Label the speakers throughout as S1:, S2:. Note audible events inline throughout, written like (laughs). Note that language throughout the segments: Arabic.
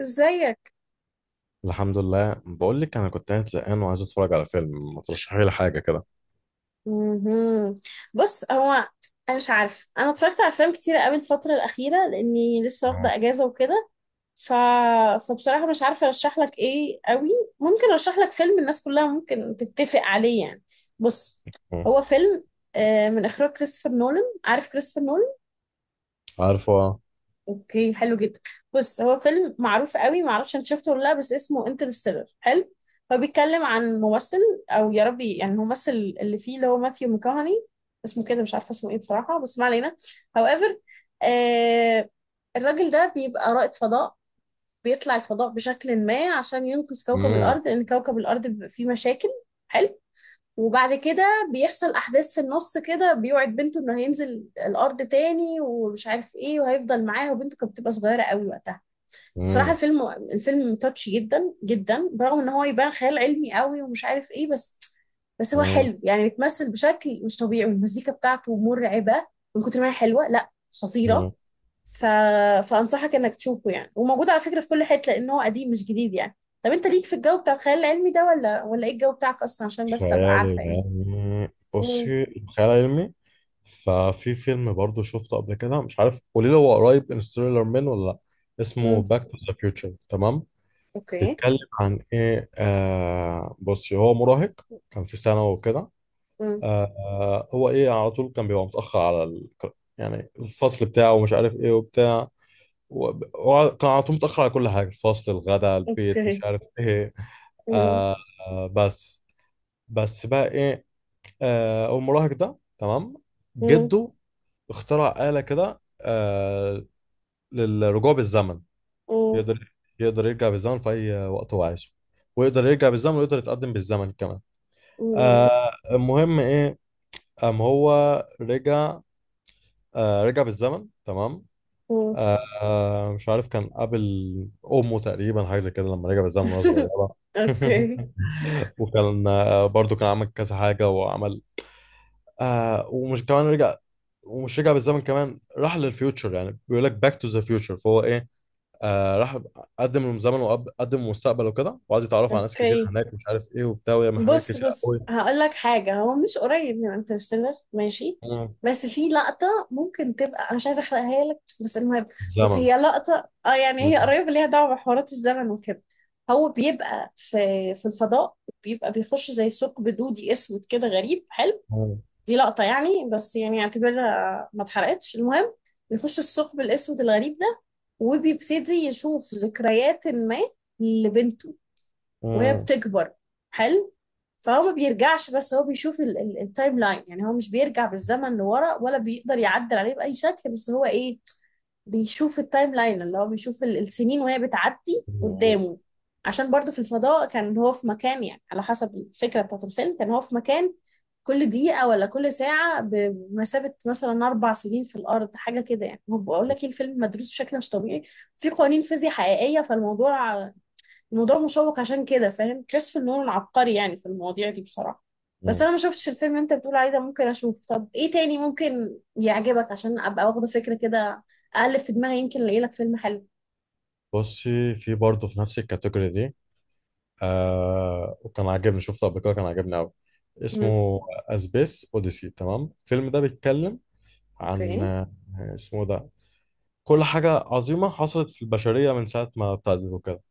S1: ازيك؟
S2: الحمد لله. بقول لك انا كنت قاعد زهقان وعايز اتفرج على فيلم، ما ترشحي لي حاجه كده.
S1: مهم. بص، هو انا مش عارف، انا اتفرجت على افلام كتيره قوي الفتره الاخيره لاني لسه واخده اجازه وكده. ف... فبصراحه مش عارفه ارشح لك ايه قوي. ممكن ارشح لك فيلم الناس كلها ممكن تتفق عليه يعني. بص،
S2: مم.
S1: هو فيلم من اخراج كريستوفر نولان. عارف كريستوفر نولان؟
S2: عارفه.
S1: اوكي حلو جدا. بص، هو فيلم معروف قوي، ما اعرفش انت شفته ولا لا، بس اسمه انترستيلر. حلو. هو بيتكلم عن ممثل، او يا ربي يعني الممثل اللي فيه، اللي هو ماثيو ميكاهاني، اسمه كده مش عارفه اسمه ايه بصراحه، بس ما علينا. However، آه الراجل ده بيبقى رائد فضاء، بيطلع الفضاء بشكل ما عشان ينقذ كوكب
S2: مم.
S1: الارض، لان كوكب الارض بيبقى فيه مشاكل. حلو. وبعد كده بيحصل احداث في النص كده، بيوعد بنته انه هينزل الارض تاني ومش عارف ايه وهيفضل معاها، وبنته كانت بتبقى صغيره قوي وقتها. بصراحه
S2: مم.
S1: الفيلم تاتش جدا جدا، برغم ان هو يبان خيال علمي قوي ومش عارف ايه، بس هو
S2: مم.
S1: حلو يعني، بيتمثل بشكل مش طبيعي، والمزيكا بتاعته مرعبه من كتر ما هي حلوه، لا خطيره.
S2: مم.
S1: ف... فانصحك انك تشوفه يعني، وموجود على فكره في كل حته لان هو قديم مش جديد يعني. طب انت ليك في الجو بتاع الخيال العلمي ده ولا، ولا ايه الجو بتاعك اصلا، عشان بس ابقى عارفه
S2: خيال
S1: يعني؟
S2: علمي.
S1: مم.
S2: بصي، خيال علمي، ففي فيلم برضو شفته قبل كده، مش عارف، قولي لي هو قريب انستيلر من ولا لا. اسمه
S1: مم.
S2: باك تو ذا فيوتشر، تمام؟
S1: اوكي.
S2: بيتكلم عن ايه؟ بصي، هو مراهق كان في ثانوي وكده.
S1: مم.
S2: هو ايه، على طول كان بيبقى متأخر على يعني الفصل بتاعه ومش عارف ايه وبتاع. هو كان على طول متأخر على كل حاجة، الفصل، الغداء، البيت،
S1: اوكي.
S2: مش عارف ايه.
S1: مم.
S2: آه بس، بقى ايه؟ المراهق ده، تمام،
S1: مم.
S2: جده اخترع آلة كده، للرجوع بالزمن.
S1: مم.
S2: يقدر يقدر يرجع بالزمن في أي وقت هو عايزه، ويقدر يرجع بالزمن ويقدر يتقدم بالزمن كمان.
S1: مم.
S2: المهم ايه، قام هو رجع، رجع بالزمن، تمام.
S1: مم.
S2: مش عارف، كان قابل امه تقريبا حاجه زي كده لما رجع بالزمن وهي
S1: (laughs)
S2: صغيره.
S1: اوكي،
S2: (laughs) وكان برضو كان عمل كذا حاجه، وعمل ومش كمان رجع ومش رجع بالزمن كمان، راح للفيوتشر، يعني بيقول لك باك تو ذا فيوتشر. فهو ايه، راح قدم الزمن وقدم المستقبل وكده، وقعد يتعرف على ناس كتير
S1: اوكي.
S2: هناك، مش عارف ايه وبتاع، ويعمل حاجات
S1: بص،
S2: كتير قوي.
S1: بص هقول لك حاجه، هو مش قريب من انترستيلر، ماشي.
S2: مم.
S1: بس في لقطه ممكن تبقى، انا مش عايزه احرقها لك، بس المهم. بص
S2: زمن.
S1: هي لقطه، يعني هي
S2: مم.
S1: قريبه، ليها دعوه بحوارات الزمن وكده. هو بيبقى في الفضاء، بيبقى بيخش زي ثقب دودي اسود كده غريب. حلو.
S2: مم.
S1: دي لقطة يعني، بس يعني اعتبرها ما اتحرقتش. المهم، بيخش الثقب الأسود الغريب ده، وبيبتدي يشوف ذكريات ما لبنته وهي
S2: مم.
S1: بتكبر. حلو. فهو ما بيرجعش، بس هو بيشوف التايم لاين. يعني هو مش بيرجع بالزمن لورا ولا بيقدر يعدل عليه بأي شكل، بس هو ايه، بيشوف التايم لاين، اللي هو بيشوف السنين وهي بتعدي
S2: مم.
S1: قدامه. عشان برضه في الفضاء كان هو في مكان، يعني على حسب الفكرة بتاعت الفيلم، كان هو في مكان كل دقيقة ولا كل ساعة بمثابة مثلا أربع سنين في الأرض، حاجة كده. يعني هو بقول لك إيه، الفيلم مدروس بشكل مش طبيعي، في قوانين فيزياء حقيقية. فالموضوع، الموضوع مشوق، عشان كده فاهم، كريستوفر نولان عبقري يعني في المواضيع دي بصراحة. بس
S2: مم.
S1: انا ما شفتش الفيلم اللي انت بتقول عليه ده، ممكن اشوف. طب ايه تاني ممكن يعجبك عشان ابقى واخدة فكرة كده؟ اقلب في دماغي يمكن الاقي لك فيلم حلو.
S2: بصي، في برضه في نفس الكاتيجوري دي، وكان عاجبني، شفته قبل كده، كان عاجبني قوي.
S1: مم.
S2: اسمه اسبيس اوديسي، تمام. الفيلم ده بيتكلم عن
S1: اوكي.
S2: اسمه ده، كل حاجة عظيمة حصلت في البشرية من ساعة ما ابتدت وكده.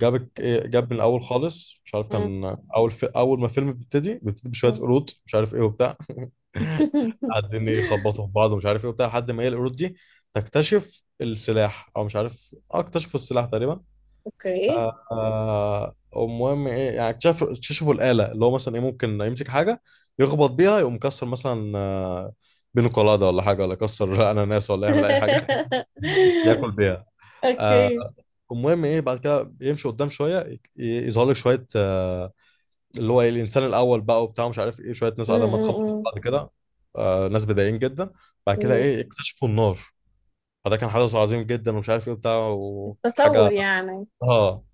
S2: جاب من الأول خالص، مش عارف،
S1: مم.
S2: كان أول ما الفيلم بيبتدي، بيبتدي بشوية
S1: مم.
S2: قرود، مش عارف إيه وبتاع، (laughs)
S1: (laughs)
S2: قاعدين يخبطوا في بعض ومش عارف إيه وبتاع، لحد ما هي القرود دي تكتشف السلاح، أو مش عارف، اكتشفوا السلاح تقريبا.
S1: اوكي.
S2: المهم ايه، يعني اكتشفوا الآلة اللي هو مثلا ايه، ممكن يمسك حاجة يخبط بيها يقوم مكسر مثلا، بينه قلادة ولا حاجة، ولا يكسر (laughs) أناناس، ولا يعمل أي حاجة، (laughs)
S1: (laughs)
S2: ياكل بيها. آه،
S1: اوكي.
S2: المهم ايه، بعد كده يمشي قدام شوية، يظهر لك شوية اللي هو ايه الإنسان الأول بقى وبتاع، مش عارف ايه، شوية ناس
S1: مم.
S2: قاعدة ما تخبط في
S1: مم.
S2: بعض كده. ناس بدائيين جدا. بعد كده
S1: مم.
S2: ايه، اكتشفوا النار، فده كان حدث عظيم جدا، ومش عارف ايه بتاع، وكانت
S1: تطور
S2: حاجة.
S1: يعني.
S2: اه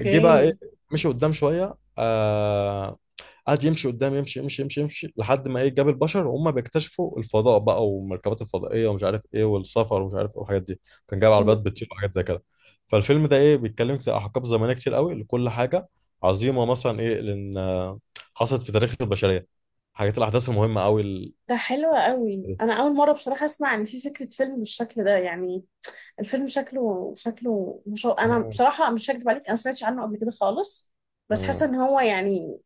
S2: جه. مم. بقى ايه، مشي قدام شويه، قعد يمشي قدام، يمشي يمشي يمشي يمشي لحد ما ايه، جاب البشر وهم بيكتشفوا الفضاء بقى، والمركبات الفضائيه ومش عارف ايه، والسفر ومش عارف ايه والحاجات دي. كان جايب
S1: مم.
S2: عربيات بتطير وحاجات زي كده. فالفيلم ده ايه، بيتكلم زي احقاب زمنيه كتير قوي لكل حاجه عظيمه، مثلا ايه، لان حصلت في تاريخ البشريه، حاجات، الاحداث المهمه قوي
S1: ده حلو قوي، انا
S2: (laughs)
S1: اول مره بصراحه اسمع ان في فكره فيلم بالشكل ده يعني. الفيلم شكله مش انا
S2: مم.
S1: بصراحه مش هكدب عليك، انا ما سمعتش عنه قبل كده خالص. بس حاسه
S2: مم.
S1: ان هو يعني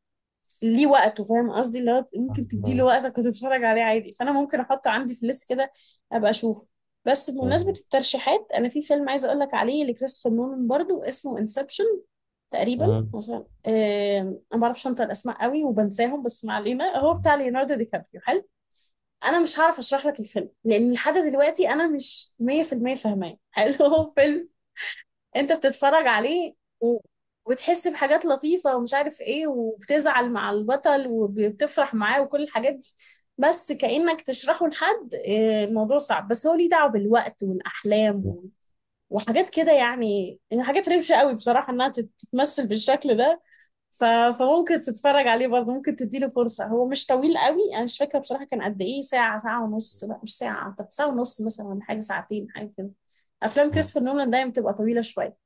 S1: ليه وقته، فاهم قصدي؟ اللي هو ممكن تديله
S2: مم.
S1: وقتك وتتفرج عليه عادي، فانا ممكن احطه عندي في الليست كده ابقى اشوفه. بس بمناسبه الترشيحات، انا في فيلم عايزه اقول لك عليه لكريستوفر نولان برضو، اسمه انسبشن تقريبا.
S2: مم.
S1: عشان انا ما بعرفش انطق الاسماء قوي وبنساهم، بس ما علينا. هو بتاع ليوناردو دي كابريو. حلو. انا مش هعرف اشرح لك الفيلم، لان لحد دلوقتي انا مش 100% فاهماه. (laughs) حلو، هو فيلم انت بتتفرج عليه و... وتحس بحاجات لطيفة ومش عارف ايه، وبتزعل مع البطل وبتفرح معاه وكل الحاجات دي، بس كأنك تشرحه لحد. الموضوع صعب، بس هو ليه دعوة بالوقت والأحلام وحاجات كده يعني، يعني حاجات روشة قوي بصراحة انها تتمثل بالشكل ده. فممكن تتفرج عليه برضه، ممكن تديله فرصة. هو مش طويل قوي، انا مش فاكرة بصراحة كان قد ايه، ساعة، ساعة ونص؟ لا مش ساعة، أعتقد ساعة ونص مثلا، ولا حاجة ساعتين، حاجة كده. افلام
S2: مم.
S1: كريستوفر نولان دايما بتبقى طويلة شوية،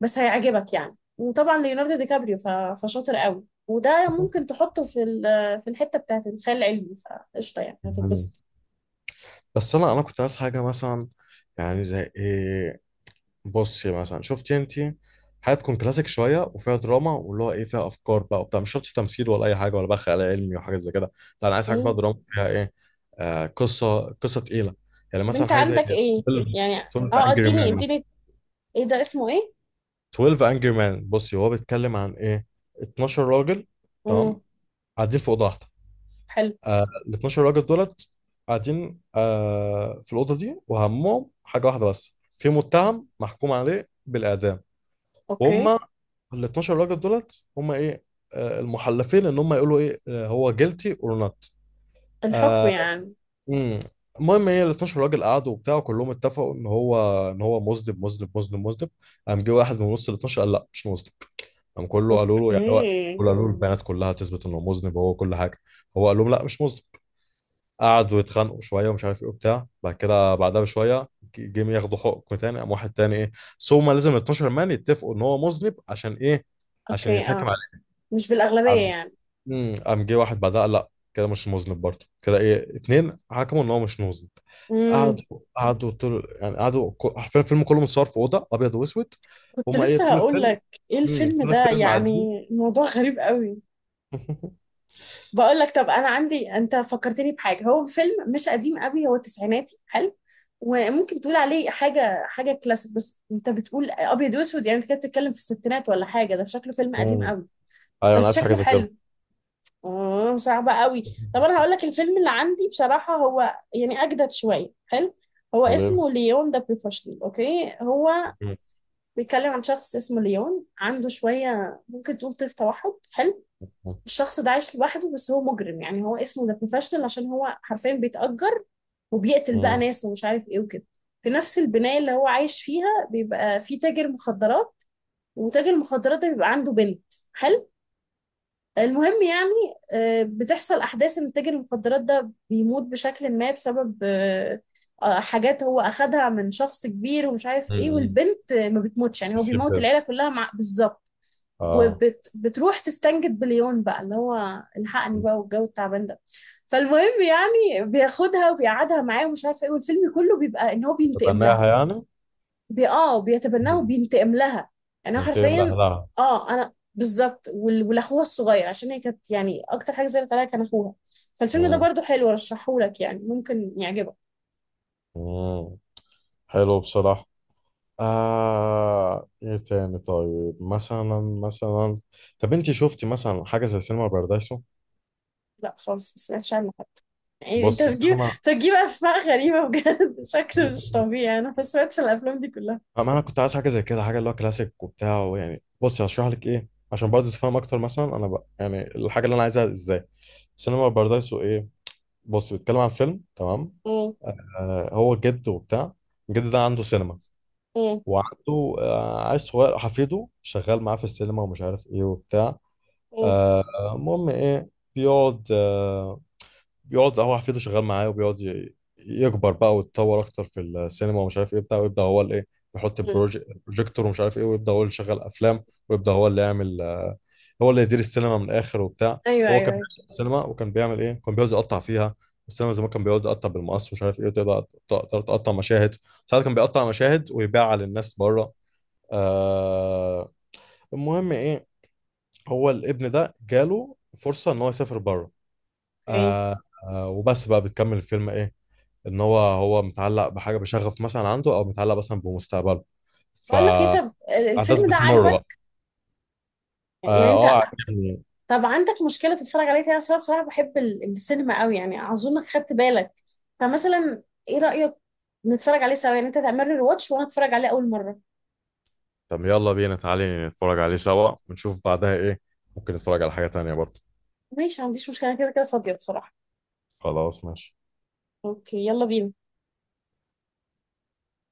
S1: بس هيعجبك يعني، وطبعا ليوناردو دي كابريو فشاطر قوي، وده ممكن تحطه في في الحتة بتاعت الخيال العلمي، فقشطة يعني
S2: مم.
S1: هتتبسط.
S2: بس انا كنت عايز حاجه مثلا، يعني زي ايه، بصي مثلا، شفتي انت حاجه تكون كلاسيك شويه وفيها دراما، واللي هو ايه، فيها افكار بقى وبتاع، مش شرط تمثيل ولا اي حاجه، ولا بقى خيال علمي وحاجات زي كده. لا، انا عايز حاجه فيها
S1: ايه؟
S2: دراما، فيها ايه، قصه تقيله. يعني
S1: طب
S2: مثلا
S1: انت
S2: حاجه زي
S1: عندك
S2: 12
S1: ايه يعني؟
S2: 12
S1: اه،
S2: انجري
S1: اديني
S2: مان مثلا.
S1: اديني. ايه ده، اسمه ايه؟
S2: 12 انجري مان، بصي هو بيتكلم عن ايه، 12 راجل، تمام،
S1: امم.
S2: قاعدين في اوضه واحده.
S1: حلو.
S2: آه، ال 12 راجل دولت قاعدين في الاوضه دي، وهمهم حاجه واحده، بس في متهم محكوم عليه بالاعدام، وهم
S1: اوكي.
S2: ال 12 راجل دولت، هم ايه، المحلفين، ان هم يقولوا ايه، هو جيلتي اور نوت.
S1: الحكم يعني.
S2: امم المهم ايه، ال 12 راجل قعدوا وبتاع، وكلهم اتفقوا ان هو ان هو مذنب مذنب مذنب مذنب. قام جه واحد من وسط ال 12 قال لا، مش مذنب. قام كله قالوا له يعني هو،
S1: اوكي.
S2: كله قالوا له البيانات كلها تثبت انه مذنب وهو كل حاجه، هو قال لهم لا، مش مذنب. قعدوا يتخانقوا شويه، ومش عارف ايه وبتاع. بعد كده بعدها بشويه جم ياخدوا حكم تاني، قام واحد تاني ايه، بس هما لازم ال 12 مان يتفقوا ان هو مذنب، عشان ايه، عشان
S1: اوكي.
S2: يتحكم
S1: اه،
S2: عليه.
S1: مش بالأغلبية
S2: قام
S1: يعني؟
S2: قام جه واحد بعدها قال لا، كده مش مذنب برضه، كده ايه، اتنين حكموا ان هو مش مذنب.
S1: امم.
S2: قعدوا قعدوا طول، يعني قعدوا حرفيا الفيلم كله متصور في اوضه ابيض واسود.
S1: كنت
S2: هما ايه
S1: لسه
S2: طول
S1: هقول
S2: الفيلم،
S1: لك. ايه الفيلم
S2: طول
S1: ده
S2: الفيلم
S1: يعني؟
S2: قاعدين.
S1: الموضوع غريب قوي.
S2: (laughs)
S1: بقول لك، طب انا عندي، انت فكرتني بحاجه، هو فيلم مش قديم قوي، هو تسعيناتي. حلو. وممكن تقول عليه حاجه كلاسيك، بس انت بتقول ابيض واسود، يعني انت كده بتتكلم في الستينات ولا حاجه، ده شكله فيلم قديم
S2: مم.
S1: قوي.
S2: ايوه، انا
S1: بس
S2: عايز حاجه
S1: شكله
S2: زي كده.
S1: حلو. اه، صعب قوي. طب انا هقول لك الفيلم اللي عندي بصراحه، هو يعني اجدد شويه. حلو.
S2: (laughs)
S1: هو
S2: قليل.
S1: اسمه ليون ده بروفيشنال. اوكي. هو بيتكلم عن شخص اسمه ليون، عنده شويه ممكن تقول طيف توحد. حلو. الشخص ده عايش لوحده، بس هو مجرم يعني، هو اسمه ذا بروفيشنال عشان هو حرفيا بيتأجر وبيقتل بقى ناس ومش عارف ايه وكده. في نفس البناية اللي هو عايش فيها بيبقى في تاجر مخدرات، وتاجر المخدرات ده بيبقى عنده بنت. حلو. المهم يعني، بتحصل أحداث إن تاجر المخدرات ده بيموت بشكل ما بسبب حاجات هو أخدها من شخص كبير ومش عارف ايه. والبنت ما بتموتش، يعني هو
S2: يسيب
S1: بيموت
S2: بنت.
S1: العيلة كلها مع بالظبط.
S2: اه.
S1: وبتروح تستنجد بليون بقى، اللي هو الحقني بقى والجو التعبان ده. فالمهم يعني، بياخدها وبيقعدها معاه ومش عارفه ايه، والفيلم كله بيبقى ان هو بينتقم لها.
S2: تتبناها يعني.
S1: بي اه بيتبناها
S2: مم.
S1: وبينتقم لها، يعني هو
S2: ينتمي
S1: حرفيا.
S2: لأهلها.
S1: اه، انا بالظبط، ولاخوها الصغير، عشان هي كانت يعني اكتر حاجه زعلت عليها كان اخوها. فالفيلم ده
S2: مم.
S1: برضو حلو، رشحهولك يعني ممكن يعجبك.
S2: مم. حلو بصراحة. ايه تاني، طيب مثلا مثلا، طب انت شفتي مثلا حاجة زي سينما بارادايسو؟
S1: لا خالص، ما سمعتش عنه حتى. يعني انت
S2: بصي،
S1: بتجيب
S2: السينما،
S1: انت بتجيب اسماء غريبه بجد. (laughs) شكله مش طبيعي، انا ما سمعتش عن الافلام دي كلها.
S2: ما انا كنت عايز حاجة زي كده، حاجة اللي هو كلاسيك وبتاع، يعني بصي هشرح لك ايه عشان برضه تفهم اكتر مثلا انا بقى، يعني الحاجة اللي انا عايزها ازاي. سينما بارادايسو ايه، بص بيتكلم عن فيلم، تمام، هو جد وبتاع، الجد ده عنده سينما،
S1: مم.
S2: وعنده عيل صغير حفيده شغال معاه في السينما، ومش عارف ايه وبتاع.
S1: مم.
S2: آه، المهم ايه، بيقعد آه، بيقعد هو حفيده شغال معاه، وبيقعد يكبر بقى ويتطور اكتر في السينما، ومش عارف ايه بتاع، ويبدا هو الايه، يحط
S1: مم.
S2: البروجيكتور، ومش عارف ايه، ويبدا هو اللي يشغل افلام، ويبدا هو اللي يعمل هو اللي يدير السينما من الاخر وبتاع.
S1: ايوه،
S2: هو
S1: ايوه،
S2: كان
S1: أيوة.
S2: بيشتغل السينما وكان بيعمل ايه، كان بيقعد يقطع فيها. السينما زمان كان بيقعد يقطع بالمقص، ومش عارف ايه، وتقدر تقطع مشاهد. ساعات كان بيقطع مشاهد ويبيعها للناس بره. آه المهم ايه، هو الابن ده جاله فرصة ان هو يسافر بره.
S1: اوكي.
S2: آه وبس بقى، بتكمل الفيلم ايه، ان هو متعلق بحاجة بشغف مثلا عنده، او متعلق مثلا بمستقبله،
S1: بقول لك ايه، طب
S2: فأحداث
S1: الفيلم ده
S2: بتمر بقى.
S1: عاجبك
S2: اه.
S1: يعني انت؟
S2: عجبني.
S1: طب عندك مشكله تتفرج عليه تاني؟ اصلا بصراحه بحب السينما قوي يعني، اظنك خدت بالك. فمثلا ايه رايك نتفرج عليه سوا، يعني انت تعمل لي واتش وانا اتفرج عليه اول مره؟
S2: طب يلا بينا، تعالي نتفرج عليه سوا ونشوف بعدها ايه، ممكن نتفرج على حاجة تانية برضه.
S1: ماشي، ما عنديش مشكله، أنا كده كده فاضيه بصراحه.
S2: خلاص ماشي.
S1: اوكي، يلا بينا.